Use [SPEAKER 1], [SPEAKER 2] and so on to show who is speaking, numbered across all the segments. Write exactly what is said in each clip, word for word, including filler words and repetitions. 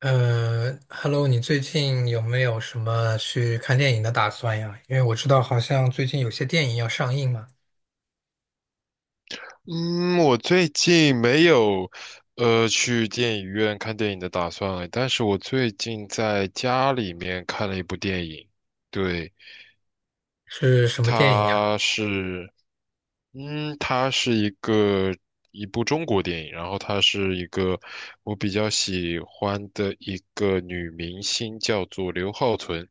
[SPEAKER 1] 呃，Hello，你最近有没有什么去看电影的打算呀？因为我知道好像最近有些电影要上映嘛，
[SPEAKER 2] 嗯，我最近没有呃去电影院看电影的打算，但是我最近在家里面看了一部电影，对。
[SPEAKER 1] 是什么电影呀？
[SPEAKER 2] 它是，嗯，它是一个一部中国电影，然后它是一个我比较喜欢的一个女明星，叫做刘浩存，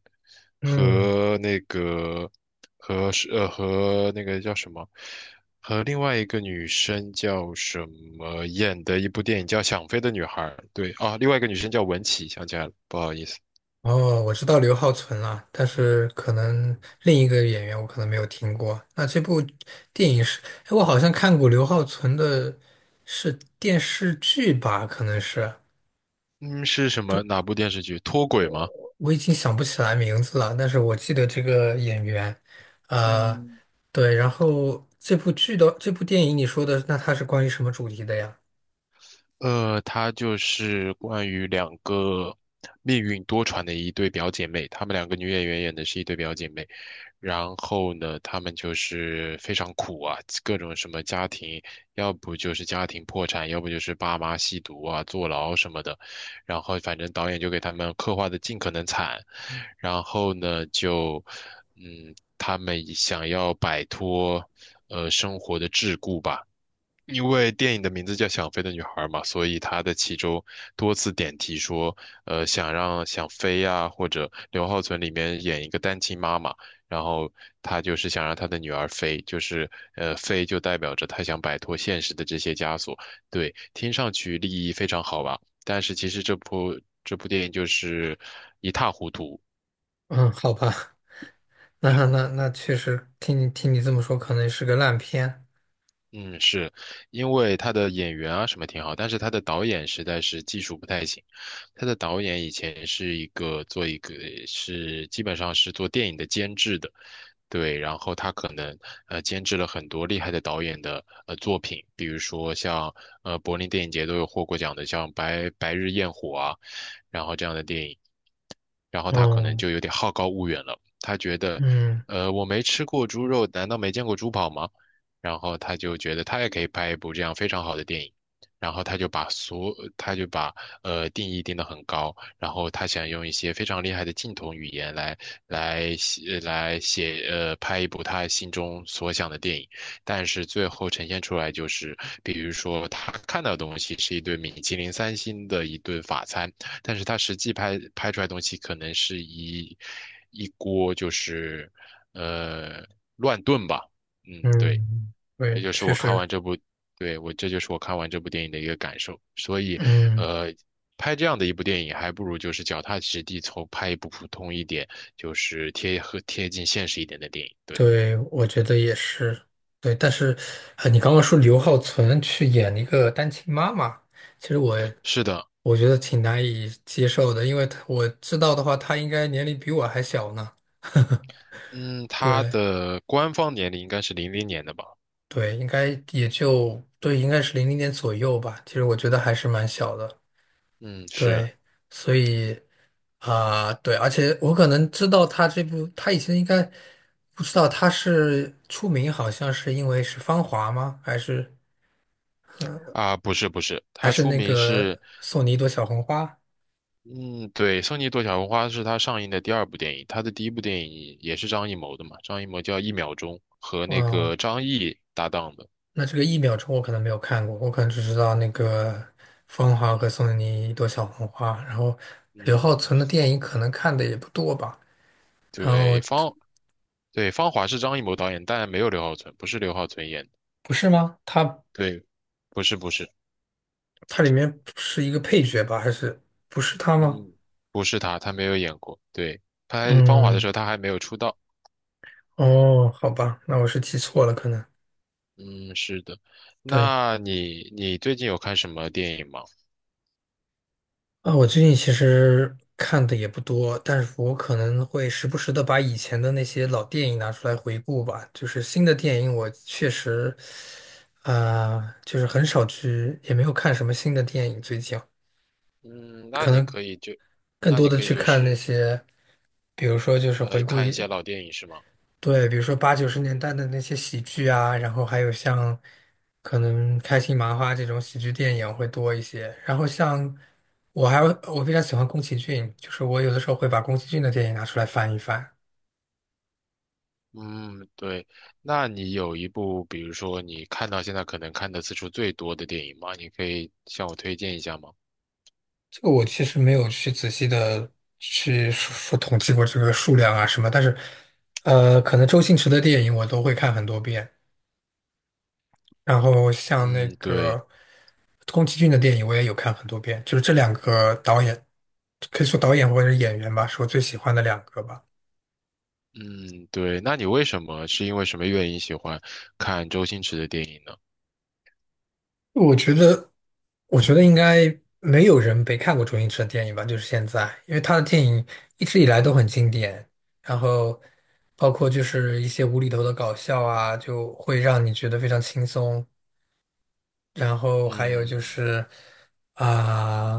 [SPEAKER 1] 嗯，
[SPEAKER 2] 和那个和是呃和那个叫什么，和另外一个女生叫什么演的一部电影叫《想飞的女孩》，对啊，另外一个女生叫文琪，想起来了，不好意思，
[SPEAKER 1] 哦，我知道刘浩存了，但是可能另一个演员我可能没有听过。那这部电影是，哎，我好像看过刘浩存的，是电视剧吧？可能是。
[SPEAKER 2] 嗯，是什么哪部电视剧？脱轨吗？
[SPEAKER 1] 我已经想不起来名字了，但是我记得这个演员，呃，
[SPEAKER 2] 嗯。
[SPEAKER 1] 对，然后这部剧的这部电影你说的，那它是关于什么主题的呀？
[SPEAKER 2] 呃，它就是关于两个命运多舛的一对表姐妹，她们两个女演员演的是一对表姐妹。然后呢，她们就是非常苦啊，各种什么家庭，要不就是家庭破产，要不就是爸妈吸毒啊、坐牢什么的。然后反正导演就给他们刻画的尽可能惨。然后呢，就嗯，他们想要摆脱呃生活的桎梏吧。因为电影的名字叫《想飞的女孩》嘛，所以它的其中多次点题说，呃，想让想飞呀、或者刘浩存里面演一个单亲妈妈，然后她就是想让她的女儿飞，就是呃，飞就代表着她想摆脱现实的这些枷锁。对，听上去立意非常好吧，但是其实这部这部电影就是一塌糊涂。
[SPEAKER 1] 嗯，好吧，那那那确实，听你听你这么说，可能是个烂片。
[SPEAKER 2] 嗯，是因为他的演员啊什么挺好，但是他的导演实在是技术不太行。他的导演以前是一个做一个是基本上是做电影的监制的，对，然后他可能呃监制了很多厉害的导演的呃作品，比如说像呃柏林电影节都有获过奖的，像白白日焰火啊，然后这样的电影。然后他可能
[SPEAKER 1] 哦，
[SPEAKER 2] 就有点好高骛远了，他觉得，
[SPEAKER 1] 嗯
[SPEAKER 2] 呃，我没吃过猪肉，难道没见过猪跑吗？然后他就觉得他也可以拍一部这样非常好的电影，然后他就把所他就把呃定义定得很高，然后他想用一些非常厉害的镜头语言来来写来写呃拍一部他心中所想的电影，但是最后呈现出来就是，比如说他看到的东西是一顿米其林三星的一顿法餐，但是他实际拍拍出来的东西可能是一一锅就是呃乱炖吧。嗯，对，
[SPEAKER 1] 嗯，
[SPEAKER 2] 这
[SPEAKER 1] 对，
[SPEAKER 2] 就是
[SPEAKER 1] 确
[SPEAKER 2] 我看
[SPEAKER 1] 实，
[SPEAKER 2] 完这部，对，我这就是我看完这部电影的一个感受。所以，
[SPEAKER 1] 嗯。
[SPEAKER 2] 呃，拍这样的一部电影，还不如就是脚踏实地，从拍一部普通一点，就是贴合贴近现实一点的电影。对，
[SPEAKER 1] 对，我觉得也是，对。但是，啊，你刚刚说刘浩存去演一个单亲妈妈，其实我
[SPEAKER 2] 是的，
[SPEAKER 1] 我觉得挺难以接受的，因为他我知道的话，他应该年龄比我还小呢。
[SPEAKER 2] 嗯，他
[SPEAKER 1] 对
[SPEAKER 2] 的官方年龄应该是零零年的吧？
[SPEAKER 1] 对，应该也就对，应该是零零年左右吧。其实我觉得还是蛮小的。
[SPEAKER 2] 嗯，是
[SPEAKER 1] 对，所以啊、对，而且我可能知道他这部，他以前应该不知道他是出名，好像是因为是《芳华》吗？还是？
[SPEAKER 2] 啊，不是不是，
[SPEAKER 1] 还
[SPEAKER 2] 他
[SPEAKER 1] 是
[SPEAKER 2] 出
[SPEAKER 1] 那
[SPEAKER 2] 名是，
[SPEAKER 1] 个送你一朵小红花。
[SPEAKER 2] 嗯，对，《送你一朵小红花》是他上映的第二部电影，他的第一部电影也是张艺谋的嘛，张艺谋叫《一秒钟》，和那
[SPEAKER 1] 哦，
[SPEAKER 2] 个张译搭档的。
[SPEAKER 1] 那这个一秒钟我可能没有看过，我可能只知道那个芳华和送你一朵小红花。然后刘浩
[SPEAKER 2] 嗯，
[SPEAKER 1] 存的电影可能看的也不多吧。然后
[SPEAKER 2] 对，芳对芳华是张艺谋导演，但没有刘浩存，不是刘浩存演的。
[SPEAKER 1] 不是吗？他
[SPEAKER 2] 对，不是不是，
[SPEAKER 1] 他里面是一个配角吧？还是不是他吗？
[SPEAKER 2] 嗯，不是他，他没有演过。对，拍芳华的
[SPEAKER 1] 嗯，
[SPEAKER 2] 时候他还没有出道。
[SPEAKER 1] 哦，好吧，那我是记错了，可能
[SPEAKER 2] 嗯，是的。
[SPEAKER 1] 对。
[SPEAKER 2] 那你你最近有看什么电影吗？
[SPEAKER 1] 啊，我最近其实看的也不多，但是我可能会时不时的把以前的那些老电影拿出来回顾吧。就是新的电影，我确实，啊、就是很少去，也没有看什么新的电影。最近
[SPEAKER 2] 嗯，那
[SPEAKER 1] 可
[SPEAKER 2] 你
[SPEAKER 1] 能
[SPEAKER 2] 可以就，
[SPEAKER 1] 更
[SPEAKER 2] 那
[SPEAKER 1] 多
[SPEAKER 2] 你
[SPEAKER 1] 的
[SPEAKER 2] 可以
[SPEAKER 1] 去
[SPEAKER 2] 就
[SPEAKER 1] 看那
[SPEAKER 2] 是
[SPEAKER 1] 些，比如说就是回
[SPEAKER 2] 呃
[SPEAKER 1] 顾。
[SPEAKER 2] 看一些老电影是吗？
[SPEAKER 1] 对，比如说八九十年代的那些喜剧啊，然后还有像可能开心麻花这种喜剧电影会多一些。然后像我还有我非常喜欢宫崎骏，就是我有的时候会把宫崎骏的电影拿出来翻一翻。
[SPEAKER 2] 嗯，对。那你有一部，比如说你看到现在可能看的次数最多的电影吗？你可以向我推荐一下吗？
[SPEAKER 1] 这个我其实没有去仔细的去说说统计过这个数量啊什么，但是呃，可能周星驰的电影我都会看很多遍。然后像那
[SPEAKER 2] 嗯，对。
[SPEAKER 1] 个宫崎骏的电影，我也有看很多遍，就是这两个导演，可以说导演或者是演员吧，是我最喜欢的两个吧。
[SPEAKER 2] 嗯，对，那你为什么是因为什么原因喜欢看周星驰的电影呢？
[SPEAKER 1] 我觉得，我觉得应该没有人没看过周星驰的电影吧，就是现在，因为他的电影一直以来都很经典，然后包括就是一些无厘头的搞笑啊，就会让你觉得非常轻松，然后还有就
[SPEAKER 2] 嗯
[SPEAKER 1] 是啊、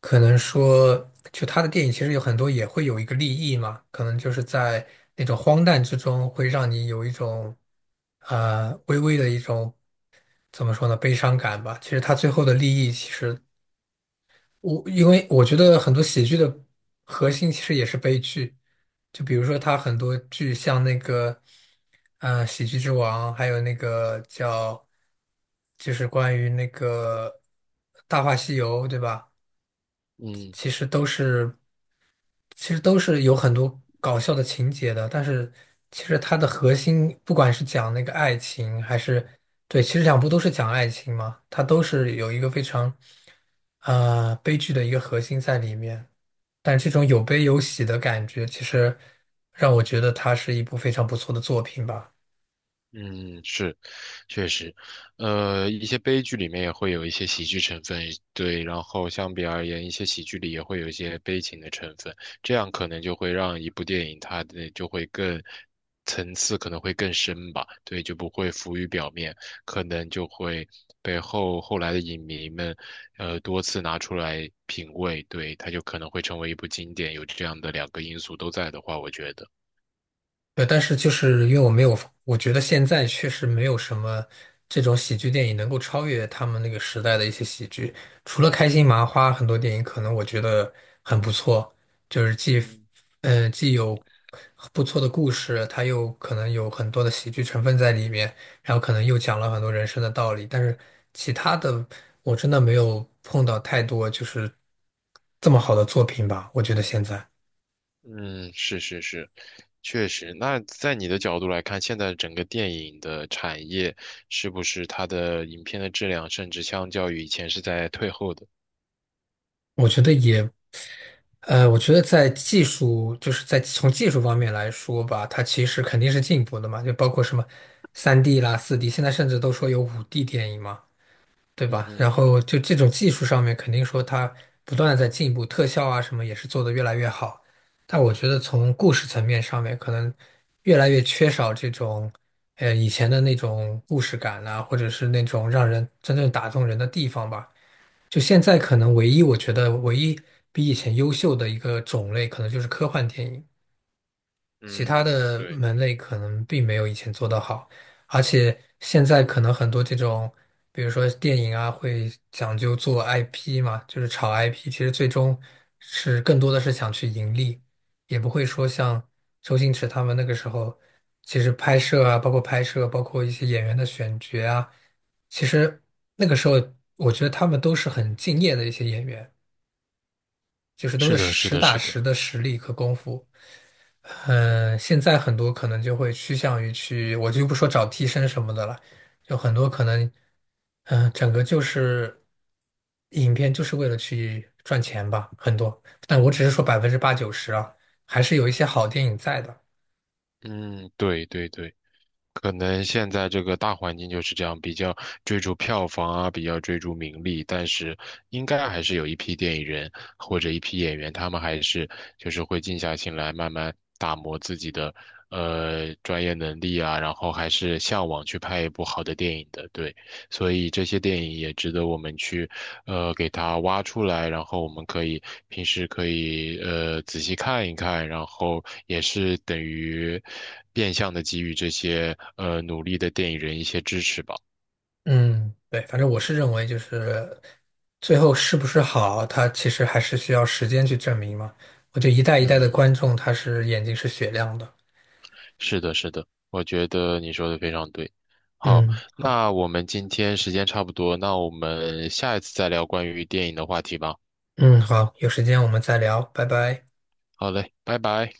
[SPEAKER 1] 可能说，就他的电影其实有很多也会有一个利益嘛，可能就是在那种荒诞之中，会让你有一种啊、微微的一种怎么说呢悲伤感吧。其实他最后的利益其实我因为我觉得很多喜剧的核心其实也是悲剧，就比如说他很多剧像那个，呃，《喜剧之王》，还有那个叫，就是关于那个《大话西游》，对吧？
[SPEAKER 2] 嗯。
[SPEAKER 1] 其实都是其实都是有很多搞笑的情节的，但是其实它的核心，不管是讲那个爱情，还是对，其实两部都是讲爱情嘛，它都是有一个非常呃悲剧的一个核心在里面。但这种有悲有喜的感觉，其实让我觉得它是一部非常不错的作品吧。
[SPEAKER 2] 嗯，是，确实，呃，一些悲剧里面也会有一些喜剧成分，对，然后相比而言，一些喜剧里也会有一些悲情的成分，这样可能就会让一部电影它的就会更层次可能会更深吧，对，就不会浮于表面，可能就会被后后来的影迷们，呃，多次拿出来品味，对，它就可能会成为一部经典，有这样的两个因素都在的话，我觉得。
[SPEAKER 1] 对，但是就是因为我没有，我觉得现在确实没有什么这种喜剧电影能够超越他们那个时代的一些喜剧。除了开心麻花，很多电影可能我觉得很不错，就是既
[SPEAKER 2] 嗯。
[SPEAKER 1] 呃既有不错的故事，它又可能有很多的喜剧成分在里面，然后可能又讲了很多人生的道理。但是其他的，我真的没有碰到太多就是这么好的作品吧，我觉得现在。
[SPEAKER 2] 嗯，是是是，确实。那在你的角度来看，现在整个电影的产业是不是它的影片的质量，甚至相较于以前是在退后的？
[SPEAKER 1] 我觉得也呃，我觉得在技术，就是在从技术方面来说吧，它其实肯定是进步的嘛，就包括什么三 d 啦、四 d 现在甚至都说有五 d 电影嘛，对
[SPEAKER 2] 嗯
[SPEAKER 1] 吧？
[SPEAKER 2] 哼，
[SPEAKER 1] 然后就这种技术上面，肯定说它不断的在进步，特效啊什么也是做得越来越好。但我觉得从故事层面上面，可能越来越缺少这种，呃，以前的那种故事感啊，或者是那种让人真正打动人的地方吧。就现在可能唯一我觉得唯一比以前优秀的一个种类，可能就是科幻电影。其他
[SPEAKER 2] 嗯，
[SPEAKER 1] 的
[SPEAKER 2] 对，
[SPEAKER 1] 门类可能并没有以前做得好，而且现在可能很多这种，比如说电影啊，会讲究做 I P 嘛，就是炒 I P,其实最终是更多的是想去盈利，也不会说像周星驰他们那个时候，其实拍摄啊，包括拍摄，包括一些演员的选角啊，其实那个时候我觉得他们都是很敬业的一些演员，就是都
[SPEAKER 2] 是
[SPEAKER 1] 是
[SPEAKER 2] 的，是
[SPEAKER 1] 实
[SPEAKER 2] 的，
[SPEAKER 1] 打
[SPEAKER 2] 是的，
[SPEAKER 1] 实的实力和功夫。嗯，现在很多可能就会趋向于去，我就不说找替身什么的了，就很多可能，嗯，整个就是影片就是为了去赚钱吧，很多。但我只是说百分之八九十啊，还是有一些好电影在的。
[SPEAKER 2] 嗯，对对对。可能现在这个大环境就是这样，比较追逐票房啊，比较追逐名利，但是应该还是有一批电影人或者一批演员，他们还是就是会静下心来，慢慢打磨自己的呃专业能力啊，然后还是向往去拍一部好的电影的，对，所以这些电影也值得我们去呃，给它挖出来，然后我们可以平时可以呃仔细看一看，然后也是等于变相的给予这些呃努力的电影人一些支持吧。
[SPEAKER 1] 嗯，对，反正我是认为就是最后是不是好，它其实还是需要时间去证明嘛。我觉得一代一代的
[SPEAKER 2] 嗯，
[SPEAKER 1] 观众，他是眼睛是雪亮的。
[SPEAKER 2] 是的，是的，我觉得你说的非常对。好，
[SPEAKER 1] 嗯，好，
[SPEAKER 2] 那我们今天时间差不多，那我们下一次再聊关于电影的话题吧。
[SPEAKER 1] 嗯，好，有时间我们再聊，拜拜。
[SPEAKER 2] 好嘞，拜拜。